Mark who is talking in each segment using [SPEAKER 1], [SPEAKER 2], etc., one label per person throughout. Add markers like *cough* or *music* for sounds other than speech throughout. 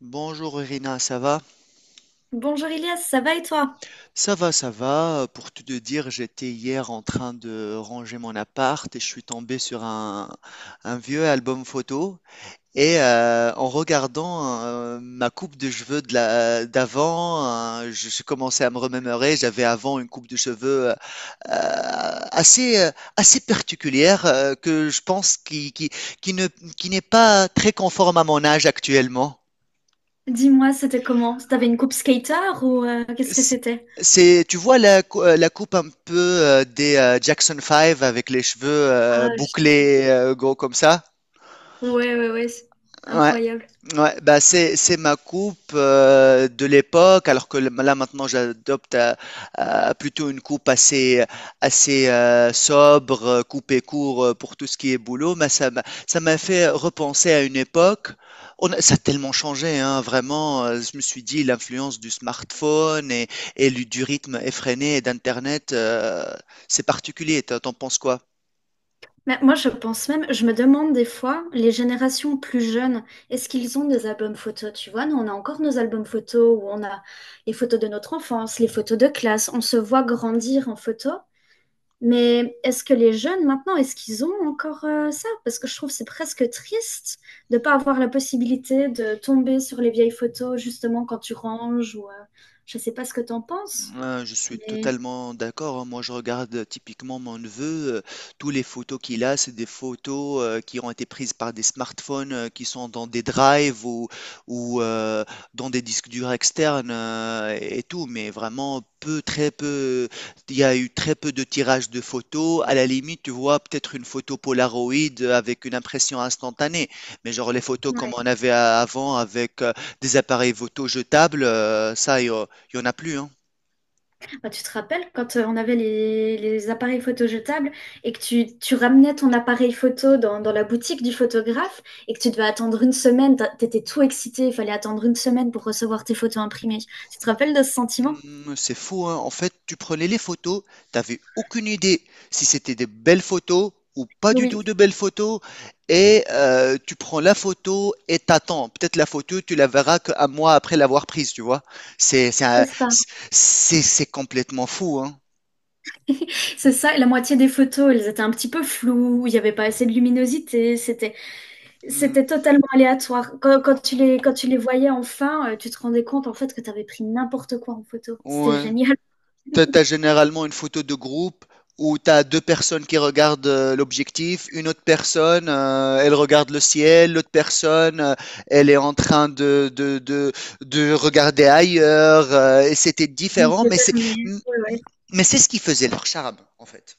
[SPEAKER 1] Bonjour Irina, ça va?
[SPEAKER 2] Bonjour Elias, ça va et toi?
[SPEAKER 1] Ça va, ça va. Pour tout te dire, j'étais hier en train de ranger mon appart et je suis tombé sur un vieux album photo. Et en regardant ma coupe de cheveux d'avant, je commençais à me remémorer. J'avais avant une coupe de cheveux euh, assez, euh, assez particulière que je pense qui ne, qui n'est pas très conforme à mon âge actuellement.
[SPEAKER 2] Dis-moi, c'était comment? T'avais une coupe skater ou qu'est-ce que
[SPEAKER 1] C-
[SPEAKER 2] c'était?
[SPEAKER 1] C'est, tu vois la coupe un peu des Jackson Five avec les cheveux
[SPEAKER 2] Ah, je-
[SPEAKER 1] bouclés gros comme ça?
[SPEAKER 2] ouais, c'est
[SPEAKER 1] Ouais.
[SPEAKER 2] incroyable.
[SPEAKER 1] Ouais, bah c'est ma coupe de l'époque, alors que là maintenant à plutôt une coupe assez sobre, coupée court pour tout ce qui est boulot. Mais ça m'a fait repenser à une époque. Ça a tellement changé, hein, vraiment. Je me suis dit l'influence du smartphone et du rythme effréné et d'Internet, c'est particulier. T'en penses quoi?
[SPEAKER 2] Mais moi, je pense même, je me demande des fois, les générations plus jeunes, est-ce qu'ils ont des albums photos? Tu vois, nous, on a encore nos albums photos où on a les photos de notre enfance, les photos de classe, on se voit grandir en photo. Mais est-ce que les jeunes maintenant, est-ce qu'ils ont encore ça? Parce que je trouve que c'est presque triste de ne pas avoir la possibilité de tomber sur les vieilles photos justement quand tu ranges ou je ne sais pas ce que tu en penses.
[SPEAKER 1] Je suis
[SPEAKER 2] Mais
[SPEAKER 1] totalement d'accord, hein. Moi, je regarde typiquement mon neveu. Tous les photos qu'il a, c'est des photos qui ont été prises par des smartphones qui sont dans des drives ou dans des disques durs externes et tout. Mais vraiment peu, très peu. Il y a eu très peu de tirages de photos. À la limite, tu vois peut-être une photo Polaroid avec une impression instantanée. Mais genre les photos comme
[SPEAKER 2] ouais.
[SPEAKER 1] on avait avant avec des appareils photo jetables, ça, il y, a- il y en a plus, hein.
[SPEAKER 2] Bah, tu te rappelles quand on avait les appareils photo jetables et que tu ramenais ton appareil photo dans la boutique du photographe et que tu devais attendre une semaine, t'étais tout excité, il fallait attendre une semaine pour recevoir tes photos imprimées. Tu te rappelles de ce sentiment?
[SPEAKER 1] Hmm, c'est fou, hein. En fait, tu prenais les photos, t'avais aucune idée si c'était des belles photos ou pas du
[SPEAKER 2] Oui,
[SPEAKER 1] tout de belles photos, et tu prends la photo et t'attends. Peut-être la photo, tu la verras qu'un mois après l'avoir prise, tu vois. C'est
[SPEAKER 2] c'est
[SPEAKER 1] un-
[SPEAKER 2] ça.
[SPEAKER 1] c'est- C'est complètement fou, hein.
[SPEAKER 2] C'est ça, et la moitié des photos, elles étaient un petit peu floues, il n'y avait pas assez de luminosité,
[SPEAKER 1] Hmm,
[SPEAKER 2] c'était totalement aléatoire. Quand tu les voyais enfin, tu te rendais compte en fait que tu avais pris n'importe quoi en photo. C'était
[SPEAKER 1] ouais.
[SPEAKER 2] génial.
[SPEAKER 1] T'as généralement une photo de groupe où t'as deux personnes qui regardent l'objectif, une autre personne, elle regarde le ciel, l'autre personne, elle est en train de regarder ailleurs, et c'était
[SPEAKER 2] *laughs* Les
[SPEAKER 1] différent,
[SPEAKER 2] yeux fermés. Ouais, ouais.
[SPEAKER 1] mais c'est ce qui faisait leur charme, en fait.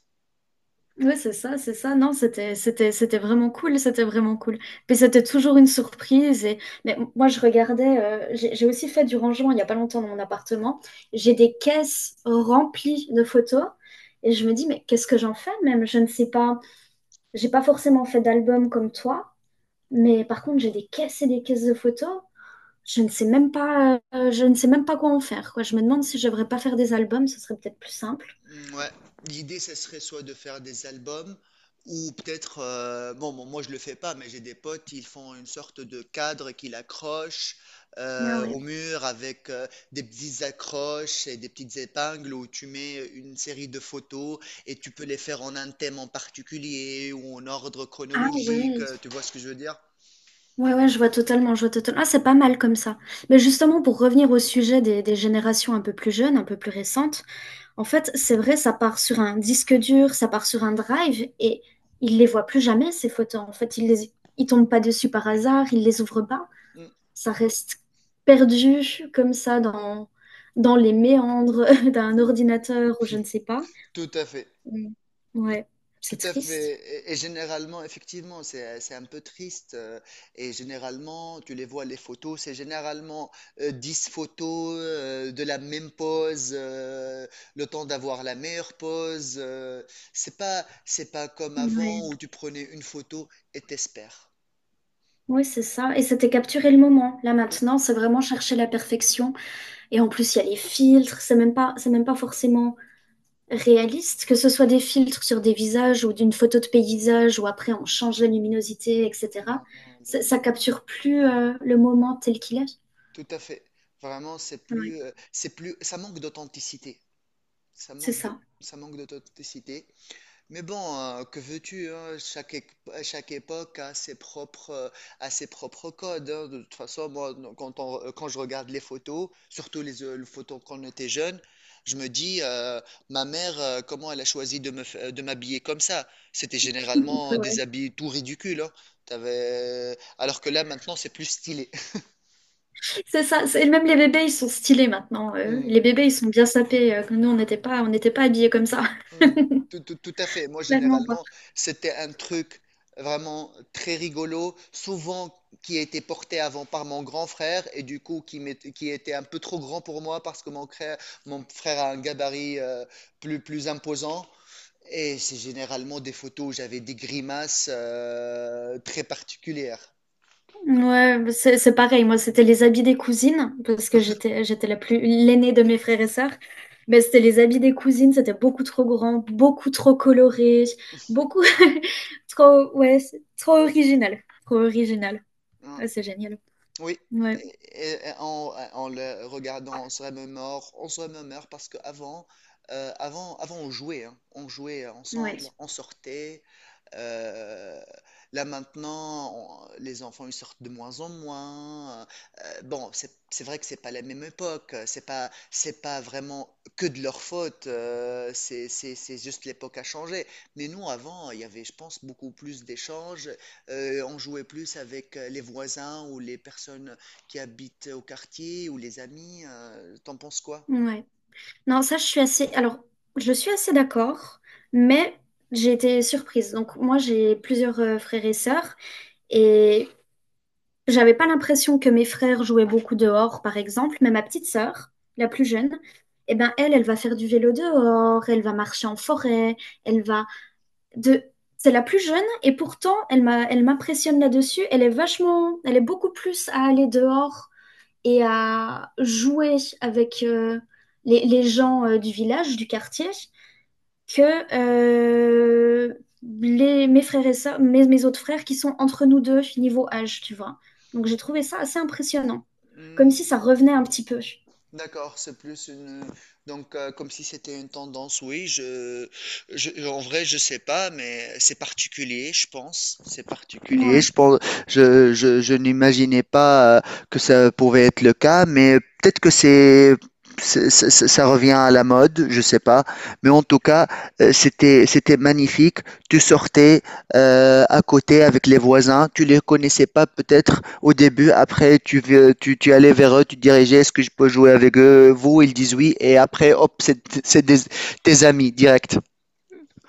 [SPEAKER 2] Ouais, c'est ça, c'est ça. Non, c'était vraiment cool, c'était vraiment cool. Puis c'était toujours une surprise. Et... Mais moi, je regardais, j'ai aussi fait du rangement il n'y a pas longtemps dans mon appartement. J'ai des caisses remplies de photos. Et je me dis, mais qu'est-ce que j'en fais même? Je ne sais pas. J'ai pas forcément fait d'album comme toi, mais par contre, j'ai des caisses et des caisses de photos. Je ne sais même pas, je ne sais même pas quoi en faire, quoi. Je me demande si je devrais pas faire des albums, ce serait peut-être plus simple.
[SPEAKER 1] Mm. Ouais, l'idée, ce serait soit de faire des albums ou peut-être, moi je le fais pas, mais j'ai des potes, ils font une sorte de cadre qu'ils accrochent
[SPEAKER 2] Ah
[SPEAKER 1] au
[SPEAKER 2] ouais.
[SPEAKER 1] mur avec des petites accroches et des petites épingles où tu mets une série de photos et tu peux les faire en un thème en particulier ou en ordre
[SPEAKER 2] Ah
[SPEAKER 1] chronologique,
[SPEAKER 2] ouais.
[SPEAKER 1] tu vois ce que je veux dire?
[SPEAKER 2] Ouais, ouais, je vois totalement, je vois totalement. Ah, c'est pas mal comme ça. Mais justement, pour revenir au sujet des générations un peu plus jeunes, un peu plus récentes, en fait, c'est vrai, ça part sur un disque dur, ça part sur un drive, et ils les voient plus jamais, ces photos. En fait, ils tombent pas dessus par hasard, ils les ouvrent pas.
[SPEAKER 1] Mm.
[SPEAKER 2] Ça reste perdu comme ça dans les méandres *laughs* d'un
[SPEAKER 1] Mm,
[SPEAKER 2] ordinateur ou je ne sais pas.
[SPEAKER 1] tout à fait.
[SPEAKER 2] Mm. Ouais, c'est
[SPEAKER 1] Tout à
[SPEAKER 2] triste.
[SPEAKER 1] fait. Et généralement, effectivement, c'est un peu triste. Et généralement, tu les vois, les photos, c'est généralement 10 photos de la même pose, le temps d'avoir la meilleure pose. C'est pas, c'est pas comme
[SPEAKER 2] Ouais,
[SPEAKER 1] avant où tu prenais une photo et t'espères.
[SPEAKER 2] ouais, c'est ça. Et c'était capturer le moment. Là
[SPEAKER 1] Et
[SPEAKER 2] maintenant, c'est vraiment chercher la perfection. Et en plus, il y a les filtres. C'est même pas forcément réaliste, que ce soit des filtres sur des visages ou d'une photo de paysage où après on change la luminosité, etc.
[SPEAKER 1] généralement, elle
[SPEAKER 2] Ça,
[SPEAKER 1] est-
[SPEAKER 2] ça capture plus le moment tel qu'il est.
[SPEAKER 1] Tout à fait. Vraiment,
[SPEAKER 2] Ouais,
[SPEAKER 1] c'est plus, ça manque d'authenticité. Ça
[SPEAKER 2] c'est
[SPEAKER 1] manque de-
[SPEAKER 2] ça.
[SPEAKER 1] Ça manque d'authenticité. Mais bon, que veux-tu, hein, chaque époque a ses propres codes, hein. De toute façon, moi, quand je regarde les photos, surtout les photos quand on était jeune, je me dis, ma mère, comment elle a choisi de de m'habiller comme ça? C'était généralement des
[SPEAKER 2] Ouais.
[SPEAKER 1] habits tout ridicules, hein. Alors que là, maintenant, c'est plus stylé. *laughs*
[SPEAKER 2] C'est ça, c'est- même les bébés, ils sont stylés maintenant. Euh. Les bébés, ils sont bien sapés. Que nous, on n'était pas habillés comme ça. *laughs*
[SPEAKER 1] Mm. Tout à fait. Moi,
[SPEAKER 2] Clairement pas.
[SPEAKER 1] généralement, c'était un truc vraiment très rigolo, souvent qui a été porté avant par mon grand frère et du coup qui était un peu trop grand pour moi parce que mon frère a un gabarit plus imposant. Et c'est généralement des photos où j'avais des grimaces très particulières.
[SPEAKER 2] Ouais, bah, c'est pareil. Moi, c'était les habits des cousines, parce que j'étais la plus l'aînée de mes frères et sœurs. Mais c'était les habits des cousines, c'était beaucoup trop grand, beaucoup trop coloré, beaucoup *laughs* trop, ouais, c'est trop original. Trop original. Ouais, c'est génial.
[SPEAKER 1] Oui,
[SPEAKER 2] Ouais,
[SPEAKER 1] et en, en le regardant, on se remémore parce qu'avant, avant, avant, avant on jouait, hein. On jouait
[SPEAKER 2] ouais,
[SPEAKER 1] ensemble, on sortait, euh, là maintenant, les enfants ils sortent de moins en moins. Bon, c'est vrai que c'est pas la même époque. C'est pas vraiment que de leur faute. C'est juste l'époque a changé. Mais nous avant, il y avait, je pense, beaucoup plus d'échanges. On jouait plus avec les voisins ou les personnes qui habitent au quartier ou les amis. T'en penses quoi?
[SPEAKER 2] ouais. Non, ça, je suis assez. Alors, je suis assez d'accord, mais j'ai été surprise. Donc, moi, j'ai plusieurs frères et sœurs, et j'avais pas l'impression que mes frères jouaient beaucoup dehors, par exemple. Mais ma petite sœur, la plus jeune, eh ben, elle, elle va faire du vélo dehors, elle va marcher en forêt, elle va de. C'est la plus jeune, et pourtant, elle m'impressionne là-dessus. Elle est vachement, elle est beaucoup plus à aller dehors et à jouer avec les gens du village, du quartier, que mes frères et sœurs, mes autres frères qui sont entre nous deux niveau âge, tu vois. Donc j'ai trouvé ça assez impressionnant, comme si ça revenait un petit peu.
[SPEAKER 1] D'accord, c'est plus une donc comme si c'était une tendance. Je en vrai je sais pas, mais c'est particulier, je pense. C'est particulier.
[SPEAKER 2] Ouais.
[SPEAKER 1] Je pense, Je n'imaginais pas que ça pouvait être le cas, mais peut-être que ça revient à la mode, je sais pas. Mais en tout cas, c'était c'était magnifique. Tu sortais à côté avec les voisins, tu les connaissais pas peut-être, au début. Après, tu allais vers eux, tu te dirigeais, est-ce que je peux jouer avec vous? Ils disent oui. Et après, hop, c'est des- tes amis direct.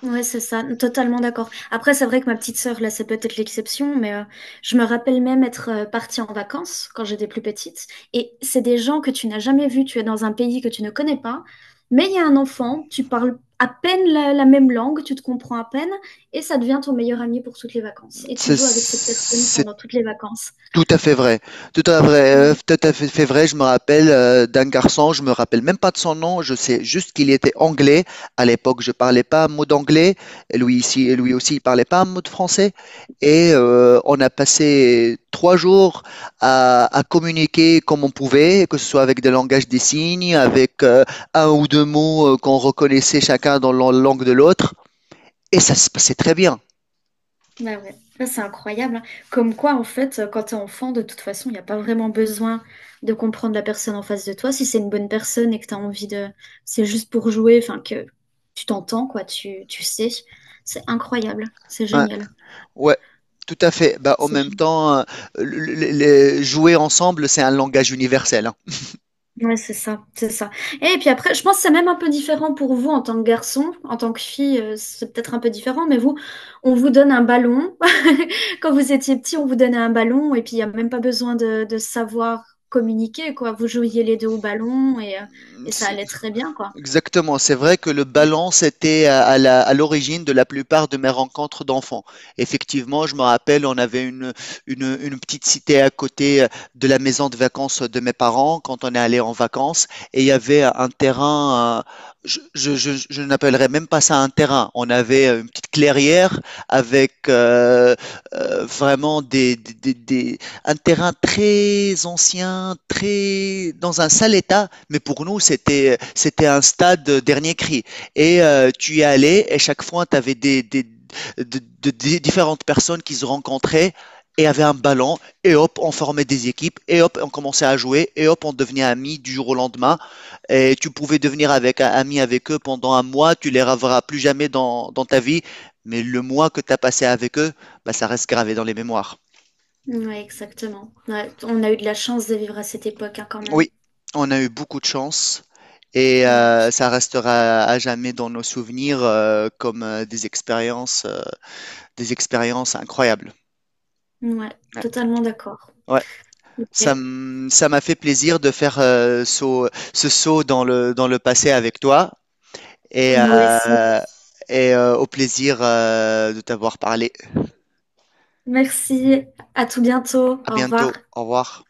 [SPEAKER 2] Ouais, c'est ça, totalement d'accord. Après, c'est vrai que ma petite sœur, là, c'est peut-être l'exception, je me rappelle même être partie en vacances quand j'étais plus petite. Et c'est des gens que tu n'as jamais vus, tu es dans un pays que tu ne connais pas, mais il y a un enfant, tu parles à peine la même langue, tu te comprends à peine, et ça devient ton meilleur ami pour toutes les vacances. Et tu joues avec cette personne
[SPEAKER 1] C'est
[SPEAKER 2] pendant toutes les vacances.
[SPEAKER 1] Tout à fait vrai,
[SPEAKER 2] Ouais.
[SPEAKER 1] tout à fait, fait vrai. Je me rappelle d'un garçon, je me rappelle même pas de son nom. Je sais juste qu'il était anglais. À l'époque, je parlais pas un mot d'anglais. Et lui aussi, il parlait pas un mot de français. Et on a passé 3 jours à communiquer comme on pouvait, que ce soit avec des langages des signes, avec un ou deux mots qu'on reconnaissait chacun dans la langue de l'autre. Et ça se passait très bien.
[SPEAKER 2] Bah ouais, bah, c'est incroyable, hein. Comme quoi, en fait, quand t'es enfant, de toute façon, il n'y a pas vraiment besoin de comprendre la personne en face de toi. Si c'est une bonne personne et que t'as envie de... C'est juste pour jouer, enfin, que tu t'entends, quoi, tu sais. C'est incroyable. C'est
[SPEAKER 1] Ouais.
[SPEAKER 2] génial.
[SPEAKER 1] Ouais, tout à fait. Bah, en
[SPEAKER 2] C'est
[SPEAKER 1] même
[SPEAKER 2] génial.
[SPEAKER 1] temps, jouer ensemble, c'est un langage universel, hein.
[SPEAKER 2] Ouais, c'est ça, c'est ça. Et puis après, je pense que c'est même un peu différent pour vous en tant que garçon, en tant que fille, c'est peut-être un peu différent, mais vous, on vous donne un ballon. *laughs* Quand vous étiez petit, on vous donnait un ballon et puis il n'y a même pas besoin de savoir communiquer, quoi. Vous jouiez les deux au ballon et ça allait très bien, quoi.
[SPEAKER 1] Exactement, c'est vrai que le balance était à à l'origine de la plupart de mes rencontres d'enfants. Effectivement, je me rappelle, on avait une petite cité à côté de la maison de vacances de mes parents quand on est allé en vacances et il y avait un terrain, je n'appellerais même pas ça un terrain. On avait une petite clairière avec vraiment un terrain très ancien, très dans un sale état, mais pour nous, c'était un stade dernier cri. Et tu y allais, et chaque fois, tu avais de- des différentes personnes qui se rencontraient et avaient un ballon, et hop, on formait des équipes, et hop, on commençait à jouer, et hop, on devenait amis du jour au lendemain. Et tu pouvais devenir avec, ami avec eux pendant 1 mois, tu les reverras plus jamais dans ta vie, mais le mois que tu as passé avec eux, bah, ça reste gravé dans les mémoires.
[SPEAKER 2] Ouais, exactement. Ouais, on a eu de la chance de vivre à cette époque, hein, quand même.
[SPEAKER 1] Oui, on a eu beaucoup de chance et
[SPEAKER 2] Ouais,
[SPEAKER 1] ça restera à jamais dans nos souvenirs comme des expériences incroyables.
[SPEAKER 2] ouais,
[SPEAKER 1] Ouais,
[SPEAKER 2] totalement d'accord.
[SPEAKER 1] ouais.
[SPEAKER 2] Ok,
[SPEAKER 1] Ça m'a fait plaisir de faire ce saut dans dans le passé avec toi et,
[SPEAKER 2] moi aussi.
[SPEAKER 1] euh, et au plaisir de t'avoir parlé.
[SPEAKER 2] Merci, à tout bientôt.
[SPEAKER 1] À
[SPEAKER 2] Au revoir.
[SPEAKER 1] bientôt. Au revoir.